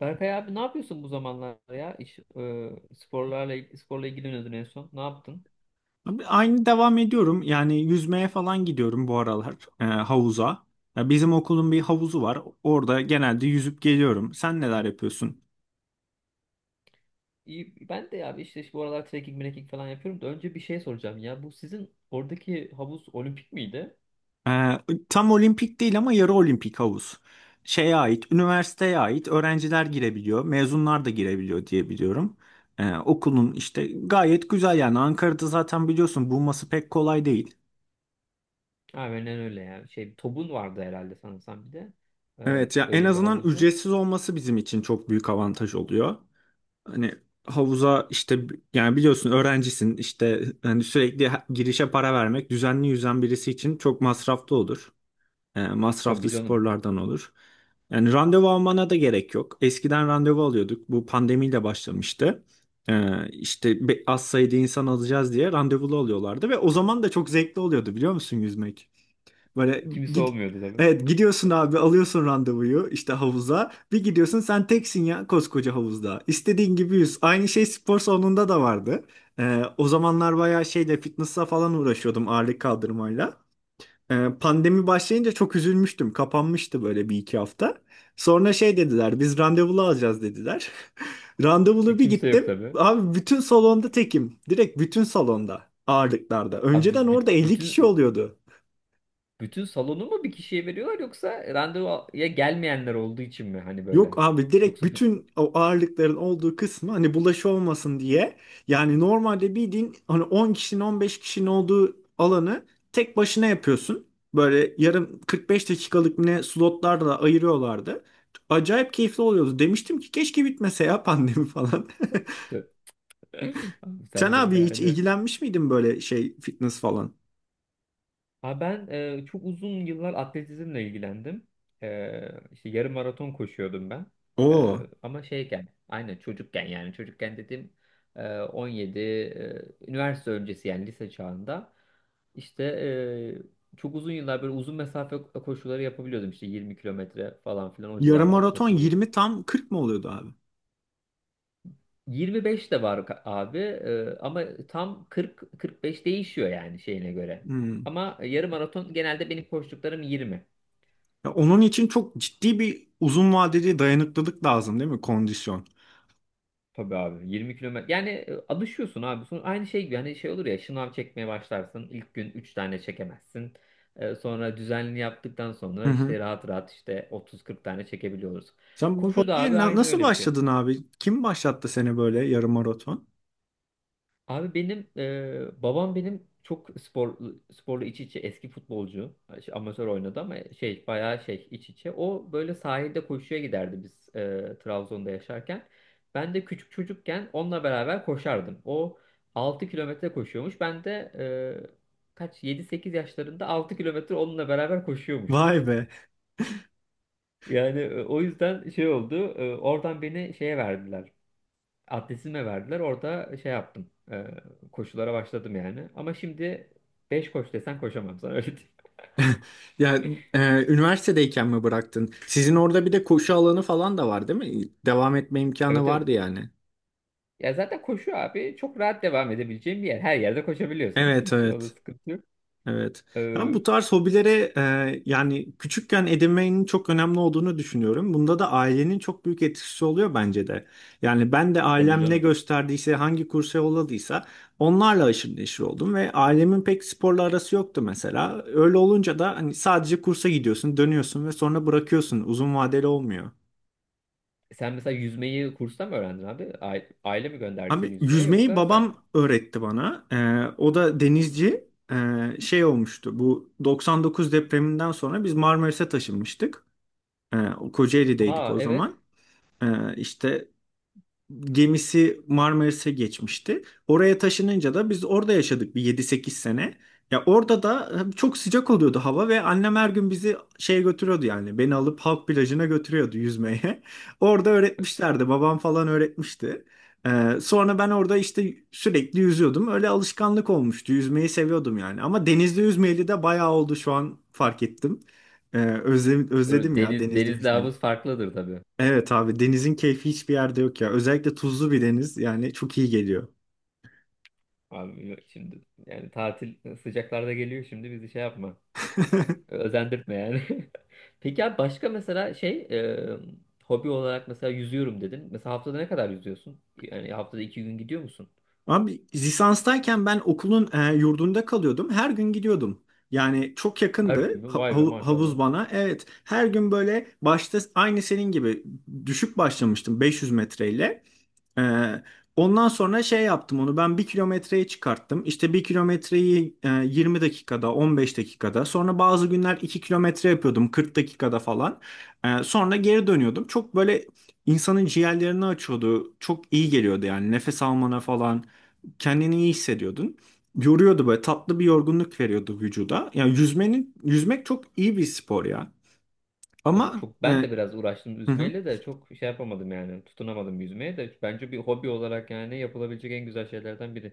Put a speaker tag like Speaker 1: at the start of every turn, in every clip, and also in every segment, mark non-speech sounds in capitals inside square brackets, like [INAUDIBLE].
Speaker 1: Berkay abi ne yapıyorsun bu zamanlar ya? İş, sporla ilgileniyordun en son. Ne yaptın?
Speaker 2: Abi, aynı devam ediyorum. Yani yüzmeye falan gidiyorum bu aralar havuza. Ya bizim okulun bir havuzu var. Orada genelde yüzüp geliyorum. Sen neler yapıyorsun?
Speaker 1: İyi, ben de ya abi işte bu aralar trekking falan yapıyorum da önce bir şey soracağım ya. Bu sizin oradaki havuz olimpik miydi?
Speaker 2: E, tam olimpik değil ama yarı olimpik havuz. Şeye ait, üniversiteye ait öğrenciler girebiliyor, mezunlar da girebiliyor diye biliyorum. Okulun işte gayet güzel yani Ankara'da zaten biliyorsun bulması pek kolay değil.
Speaker 1: Aynen öyle ya. Şey tobun vardı herhalde sanırsam bir de. E,
Speaker 2: Evet ya, en
Speaker 1: öyle bir
Speaker 2: azından
Speaker 1: havuzu.
Speaker 2: ücretsiz olması bizim için çok büyük avantaj oluyor. Hani havuza işte yani biliyorsun öğrencisin işte hani sürekli girişe para vermek düzenli yüzen birisi için çok masraflı olur. E,
Speaker 1: Tabii
Speaker 2: masraflı
Speaker 1: canım.
Speaker 2: sporlardan olur. Yani randevu almana da gerek yok. Eskiden randevu alıyorduk. Bu pandemiyle başlamıştı. E, işte az sayıda insan alacağız diye randevulu alıyorlardı ve o zaman da çok zevkli oluyordu biliyor musun yüzmek? Böyle
Speaker 1: Kimse
Speaker 2: gid
Speaker 1: olmuyordu tabii.
Speaker 2: Evet, gidiyorsun abi, alıyorsun randevuyu işte havuza. Bir gidiyorsun, sen teksin ya koskoca havuzda. İstediğin gibi yüz. Aynı şey spor salonunda da vardı. O zamanlar bayağı şeyle fitness'a falan uğraşıyordum, ağırlık kaldırmayla. Pandemi başlayınca çok üzülmüştüm. Kapanmıştı böyle bir iki hafta. Sonra şey dediler, biz randevulu alacağız dediler. [LAUGHS] Randevulu bir
Speaker 1: Kimse yok
Speaker 2: gittim.
Speaker 1: tabii.
Speaker 2: Abi bütün salonda tekim. Direkt bütün salonda, ağırlıklarda.
Speaker 1: Abi
Speaker 2: Önceden orada 50 kişi
Speaker 1: bütün
Speaker 2: oluyordu.
Speaker 1: bütün salonu mu bir kişiye veriyorlar yoksa randevuya gelmeyenler olduğu için mi hani
Speaker 2: Yok
Speaker 1: böyle?
Speaker 2: abi, direkt
Speaker 1: Yoksa bütün
Speaker 2: bütün o ağırlıkların olduğu kısmı, hani bulaşı olmasın diye. Yani normalde bildiğin hani 10 kişinin, 15 kişinin olduğu alanı tek başına yapıyorsun. Böyle yarım, 45 dakikalık ne slotlarla ayırıyorlardı. Acayip keyifli oluyordu. Demiştim ki keşke bitmese ya pandemi falan.
Speaker 1: abi
Speaker 2: [LAUGHS] Sen
Speaker 1: sen de
Speaker 2: abi hiç
Speaker 1: yani.
Speaker 2: ilgilenmiş miydin böyle şey fitness falan?
Speaker 1: Ha ben çok uzun yıllar atletizmle ilgilendim. E, işte yarım maraton koşuyordum ben. E,
Speaker 2: Oo.
Speaker 1: ama şeyken, aynen çocukken yani çocukken dedim, 17, üniversite öncesi yani lise çağında. İşte çok uzun yıllar böyle uzun mesafe koşuları yapabiliyordum. İşte 20 kilometre falan filan o
Speaker 2: Yarım
Speaker 1: civarlarda
Speaker 2: maraton
Speaker 1: takılıyordum.
Speaker 2: 20, tam 40 mı oluyordu abi?
Speaker 1: 25 de var abi. Ama tam 40-45 değişiyor yani şeyine göre.
Speaker 2: Hmm.
Speaker 1: Ama yarım maraton genelde benim koştuklarım 20.
Speaker 2: Ya onun için çok ciddi bir uzun vadeli dayanıklılık lazım değil mi? Kondisyon.
Speaker 1: Tabii abi 20 kilometre. Yani alışıyorsun abi. Sonra aynı şey gibi hani şey olur ya şınav çekmeye başlarsın. İlk gün 3 tane çekemezsin. Sonra düzenli yaptıktan
Speaker 2: Hı
Speaker 1: sonra
Speaker 2: hı.
Speaker 1: işte rahat rahat işte 30-40 tane çekebiliyoruz.
Speaker 2: Sen bu
Speaker 1: Koşu da
Speaker 2: hobiye
Speaker 1: abi aynı
Speaker 2: nasıl
Speaker 1: öyle bir şey.
Speaker 2: başladın abi? Kim başlattı seni böyle yarım maraton?
Speaker 1: Abi benim babam benim çok sporla iç içe, eski futbolcu. Şey, amatör oynadı ama şey bayağı şey iç içe, o böyle sahilde koşuya giderdi biz Trabzon'da yaşarken, ben de küçük çocukken onunla beraber koşardım. O 6 kilometre koşuyormuş, ben de kaç, yedi sekiz yaşlarında 6 kilometre onunla beraber koşuyormuşum.
Speaker 2: Vay be.
Speaker 1: Yani o yüzden şey oldu, oradan beni şeye verdiler. Atletizme verdiler. Orada şey yaptım. Koşulara başladım yani. Ama şimdi 5 koş desen koşamam sana, öyle diyeyim.
Speaker 2: [LAUGHS] Ya üniversitedeyken mi bıraktın? Sizin orada bir de koşu alanı falan da var değil mi? Devam etme
Speaker 1: [LAUGHS]
Speaker 2: imkanı
Speaker 1: Evet, evet.
Speaker 2: vardı yani.
Speaker 1: Ya zaten koşu abi çok rahat devam edebileceğin bir yer. Her yerde koşabiliyorsun. [LAUGHS]
Speaker 2: Evet,
Speaker 1: Hiç o da
Speaker 2: evet.
Speaker 1: sıkıntı yok.
Speaker 2: Evet.
Speaker 1: E,
Speaker 2: Ben bu tarz hobilere yani küçükken edinmenin çok önemli olduğunu düşünüyorum. Bunda da ailenin çok büyük etkisi oluyor bence de. Yani ben de
Speaker 1: tabii
Speaker 2: ailem ne
Speaker 1: canım.
Speaker 2: gösterdiyse, hangi kursa yolladıysa onlarla aşırı neşir oldum ve ailemin pek sporla arası yoktu mesela. Öyle olunca da hani sadece kursa gidiyorsun, dönüyorsun ve sonra bırakıyorsun. Uzun vadeli olmuyor.
Speaker 1: Sen mesela yüzmeyi kursta mı öğrendin abi? Aile mi gönderdi seni
Speaker 2: Abi
Speaker 1: yüzmeye
Speaker 2: yüzmeyi
Speaker 1: yoksa sen?
Speaker 2: babam öğretti bana. O da
Speaker 1: Hı hı.
Speaker 2: denizci. Şey olmuştu. Bu 99 depreminden sonra biz Marmaris'e taşınmıştık. Ee, Kocaeli'deydik
Speaker 1: Aa,
Speaker 2: o zaman.
Speaker 1: evet.
Speaker 2: İşte gemisi Marmaris'e geçmişti. Oraya taşınınca da biz orada yaşadık bir yedi sekiz sene. Ya orada da çok sıcak oluyordu hava ve annem her gün bizi şeye götürüyordu yani. Beni alıp halk plajına götürüyordu yüzmeye. [LAUGHS] Orada öğretmişlerdi. Babam falan öğretmişti. Sonra ben orada işte sürekli yüzüyordum. Öyle alışkanlık olmuştu. Yüzmeyi seviyordum yani. Ama denizde yüzmeyeli de bayağı oldu, şu an fark ettim. Ee, özle-
Speaker 1: Öyle
Speaker 2: özledim ya
Speaker 1: Deniz,
Speaker 2: denizde
Speaker 1: denizle
Speaker 2: yüzmeyi.
Speaker 1: havuz farklıdır tabii.
Speaker 2: Evet abi, denizin keyfi hiçbir yerde yok ya. Özellikle tuzlu bir deniz yani çok iyi geliyor.
Speaker 1: Abi yok şimdi yani tatil sıcaklarda geliyor şimdi bizi şey yapma. Özendirtme yani. [LAUGHS] Peki abi başka mesela şey, hobi olarak mesela yüzüyorum dedin. Mesela haftada ne kadar yüzüyorsun? Yani haftada iki gün gidiyor musun?
Speaker 2: Abi lisanstayken ben okulun yurdunda kalıyordum. Her gün gidiyordum. Yani çok
Speaker 1: Her gün
Speaker 2: yakındı
Speaker 1: mü? Vay be,
Speaker 2: havuz
Speaker 1: maşallah.
Speaker 2: bana. Evet, her gün böyle başta aynı senin gibi düşük başlamıştım, 500 metreyle. Ee, ondan sonra şey yaptım, onu ben 1 kilometreye çıkarttım. İşte 1 kilometreyi 20 dakikada, 15 dakikada, sonra bazı günler 2 kilometre yapıyordum 40 dakikada falan. Sonra geri dönüyordum. Çok böyle insanın ciğerlerini açıyordu. Çok iyi geliyordu yani, nefes almana falan kendini iyi hissediyordun. Yoruyordu, böyle tatlı bir yorgunluk veriyordu vücuda. Yani yüzmenin, yüzmek çok iyi bir spor ya.
Speaker 1: Tabii
Speaker 2: Ama
Speaker 1: çok ben de biraz uğraştım
Speaker 2: [LAUGHS]
Speaker 1: yüzmeyle de, çok şey yapamadım yani, tutunamadım yüzmeye de. Bence bir hobi olarak yani yapılabilecek en güzel şeylerden biri.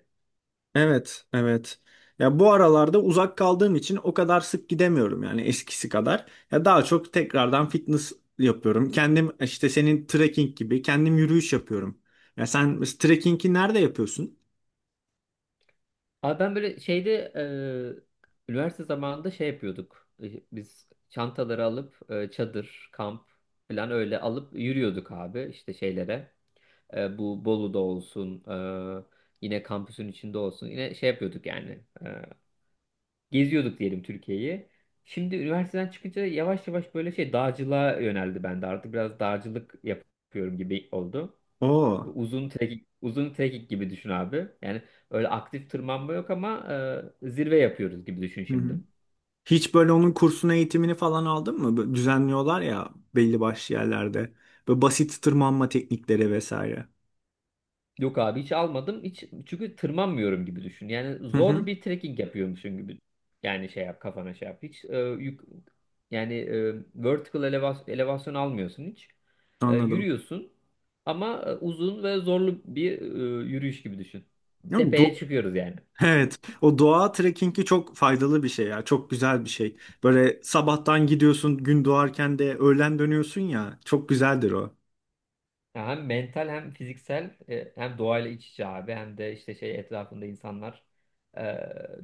Speaker 2: Evet, evet. Ya bu aralarda uzak kaldığım için o kadar sık gidemiyorum yani, eskisi kadar. Ya daha çok tekrardan fitness yapıyorum. Kendim işte senin trekking gibi kendim yürüyüş yapıyorum. Ya sen trekkingi nerede yapıyorsun?
Speaker 1: Abi ben böyle şeyde, üniversite zamanında şey yapıyorduk. E, biz çantaları alıp çadır, kamp falan öyle alıp yürüyorduk abi işte şeylere. Bu Bolu'da olsun, yine kampüsün içinde olsun. Yine şey yapıyorduk yani. Geziyorduk diyelim Türkiye'yi. Şimdi üniversiteden çıkınca yavaş yavaş böyle şey dağcılığa yöneldi bende. Artık biraz dağcılık yapıyorum gibi oldu.
Speaker 2: Oo.
Speaker 1: Uzun trekking gibi düşün abi. Yani öyle aktif tırmanma yok ama zirve yapıyoruz gibi düşün
Speaker 2: Hı hı.
Speaker 1: şimdi.
Speaker 2: Hiç böyle onun kursunu, eğitimini falan aldın mı? Böyle düzenliyorlar ya belli başlı yerlerde. Böyle basit tırmanma teknikleri vesaire.
Speaker 1: Yok abi hiç almadım. Hiç, çünkü tırmanmıyorum gibi düşün. Yani
Speaker 2: Hı hı.
Speaker 1: zor bir trekking yapıyormuşsun gibi. Yani şey yap kafana, şey yap. Hiç yük, yani vertical elevasyon almıyorsun hiç.
Speaker 2: Anladım.
Speaker 1: Yürüyorsun ama uzun ve zorlu bir, yürüyüş gibi düşün.
Speaker 2: Ya,
Speaker 1: Tepeye çıkıyoruz yani.
Speaker 2: evet, o doğa trekkingi çok faydalı bir şey ya, çok güzel bir şey. Böyle sabahtan gidiyorsun, gün doğarken de öğlen dönüyorsun ya, çok güzeldir o.
Speaker 1: Ya, hem mental hem fiziksel, hem doğayla iç içe abi, hem de işte şey etrafında insanlar, e,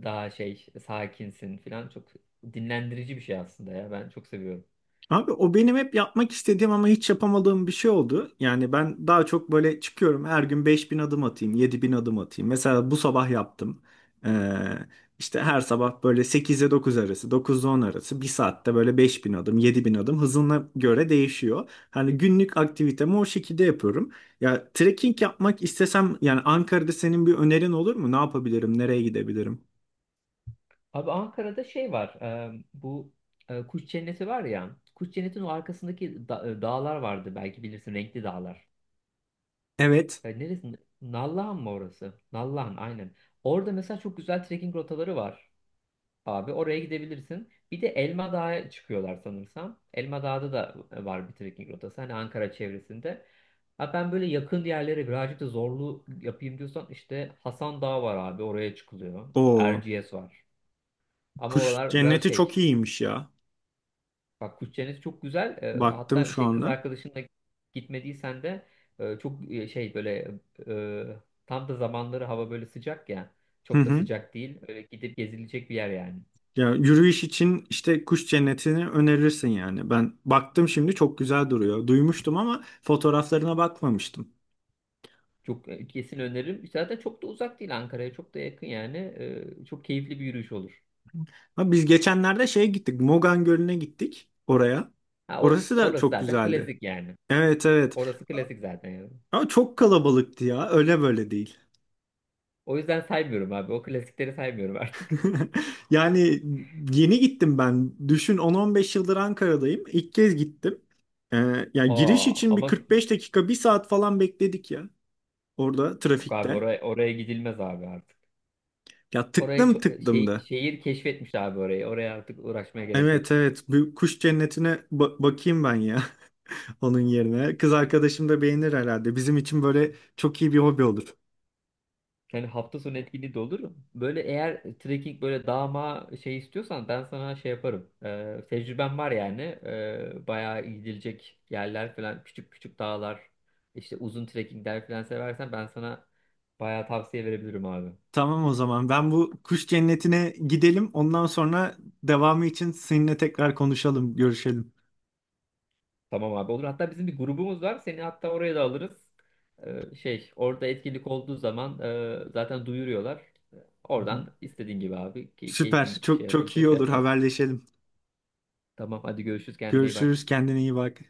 Speaker 1: daha şey sakinsin falan, çok dinlendirici bir şey aslında ya, ben çok seviyorum.
Speaker 2: Abi o benim hep yapmak istediğim ama hiç yapamadığım bir şey oldu. Yani ben daha çok böyle çıkıyorum, her gün 5.000 adım atayım, 7.000 adım atayım. Mesela bu sabah yaptım. Ee, işte her sabah böyle 8'e 9 arası, 9'da 10 arası bir saatte böyle 5.000 adım, 7.000 adım, hızına göre değişiyor. Hani günlük aktivitemi o şekilde yapıyorum. Ya trekking yapmak istesem yani Ankara'da senin bir önerin olur mu? Ne yapabilirim? Nereye gidebilirim?
Speaker 1: Abi Ankara'da şey var. Bu, Kuş Cenneti var ya. Kuş Cenneti'nin o arkasındaki dağlar vardı. Belki bilirsin, renkli dağlar.
Speaker 2: Evet.
Speaker 1: E, neresi? Nallıhan mı orası? Nallıhan, aynen. Orada mesela çok güzel trekking rotaları var. Abi oraya gidebilirsin. Bir de Elma Dağı'ya çıkıyorlar sanırsam. Elma dağda da var bir trekking rotası. Hani Ankara çevresinde. Ha, ben böyle yakın yerlere birazcık da zorlu yapayım diyorsan, işte Hasan Dağı var abi, oraya çıkılıyor.
Speaker 2: O
Speaker 1: Erciyes var. Ama
Speaker 2: kuş
Speaker 1: oralar biraz
Speaker 2: cenneti çok
Speaker 1: şey.
Speaker 2: iyiymiş ya.
Speaker 1: Bak, kuş cenneti çok güzel.
Speaker 2: Baktım
Speaker 1: Hatta
Speaker 2: şu
Speaker 1: şey, kız
Speaker 2: anda.
Speaker 1: arkadaşınla gitmediysen de, çok şey böyle, e, tam da zamanları, hava böyle sıcak ya.
Speaker 2: Hı
Speaker 1: Çok da
Speaker 2: hı.
Speaker 1: sıcak değil. Öyle gidip gezilecek bir yer yani.
Speaker 2: Ya yürüyüş için işte kuş cennetini önerirsin yani. Ben baktım şimdi, çok güzel duruyor. Duymuştum ama fotoğraflarına bakmamıştım.
Speaker 1: Çok kesin öneririm. Zaten çok da uzak değil Ankara'ya. Çok da yakın yani. Çok keyifli bir yürüyüş olur.
Speaker 2: Ha, biz geçenlerde şeye gittik, Mogan Gölü'ne gittik oraya.
Speaker 1: Ha,
Speaker 2: Orası da
Speaker 1: orası
Speaker 2: çok
Speaker 1: zaten
Speaker 2: güzeldi.
Speaker 1: klasik yani.
Speaker 2: Evet, evet.
Speaker 1: Orası klasik zaten yani.
Speaker 2: Ama çok kalabalıktı ya. Öyle böyle değil.
Speaker 1: O yüzden saymıyorum abi. O klasikleri saymıyorum artık.
Speaker 2: [LAUGHS] Yani yeni gittim ben. Düşün, 10-15 yıldır Ankara'dayım, İlk kez gittim. Ee, yani
Speaker 1: [LAUGHS]
Speaker 2: giriş
Speaker 1: Aa,
Speaker 2: için bir
Speaker 1: ama
Speaker 2: 45 dakika, bir saat falan bekledik ya. Orada
Speaker 1: yok abi
Speaker 2: trafikte.
Speaker 1: oraya gidilmez abi artık.
Speaker 2: Ya
Speaker 1: Orayı
Speaker 2: tıklım tıklım
Speaker 1: şey,
Speaker 2: da.
Speaker 1: şehir keşfetmiş abi orayı. Oraya artık uğraşmaya gerek yok.
Speaker 2: Evet, evet, bu kuş cennetine bakayım ben ya [LAUGHS] onun yerine. Kız arkadaşım da beğenir herhalde. Bizim için böyle çok iyi bir hobi olur.
Speaker 1: Yani hafta sonu etkinliği de olur. Böyle eğer trekking böyle dağma şey istiyorsan, ben sana şey yaparım. Tecrübem var yani. Bayağı gidilecek yerler falan, küçük küçük dağlar, işte uzun trekkingler falan seversen, ben sana bayağı tavsiye verebilirim abi.
Speaker 2: Tamam, o zaman ben bu kuş cennetine gidelim. Ondan sonra devamı için seninle tekrar konuşalım, görüşelim.
Speaker 1: Tamam abi, olur. Hatta bizim bir grubumuz var. Seni hatta oraya da alırız. Şey, orada etkinlik olduğu zaman zaten duyuruyorlar.
Speaker 2: Hı hı.
Speaker 1: Oradan istediğin gibi abi,
Speaker 2: Süper.
Speaker 1: keyfin şey
Speaker 2: Çok çok
Speaker 1: yapınca
Speaker 2: iyi
Speaker 1: şey
Speaker 2: olur,
Speaker 1: yaparsın.
Speaker 2: haberleşelim.
Speaker 1: Tamam, hadi görüşürüz, kendine iyi bak.
Speaker 2: Görüşürüz. Kendine iyi bak.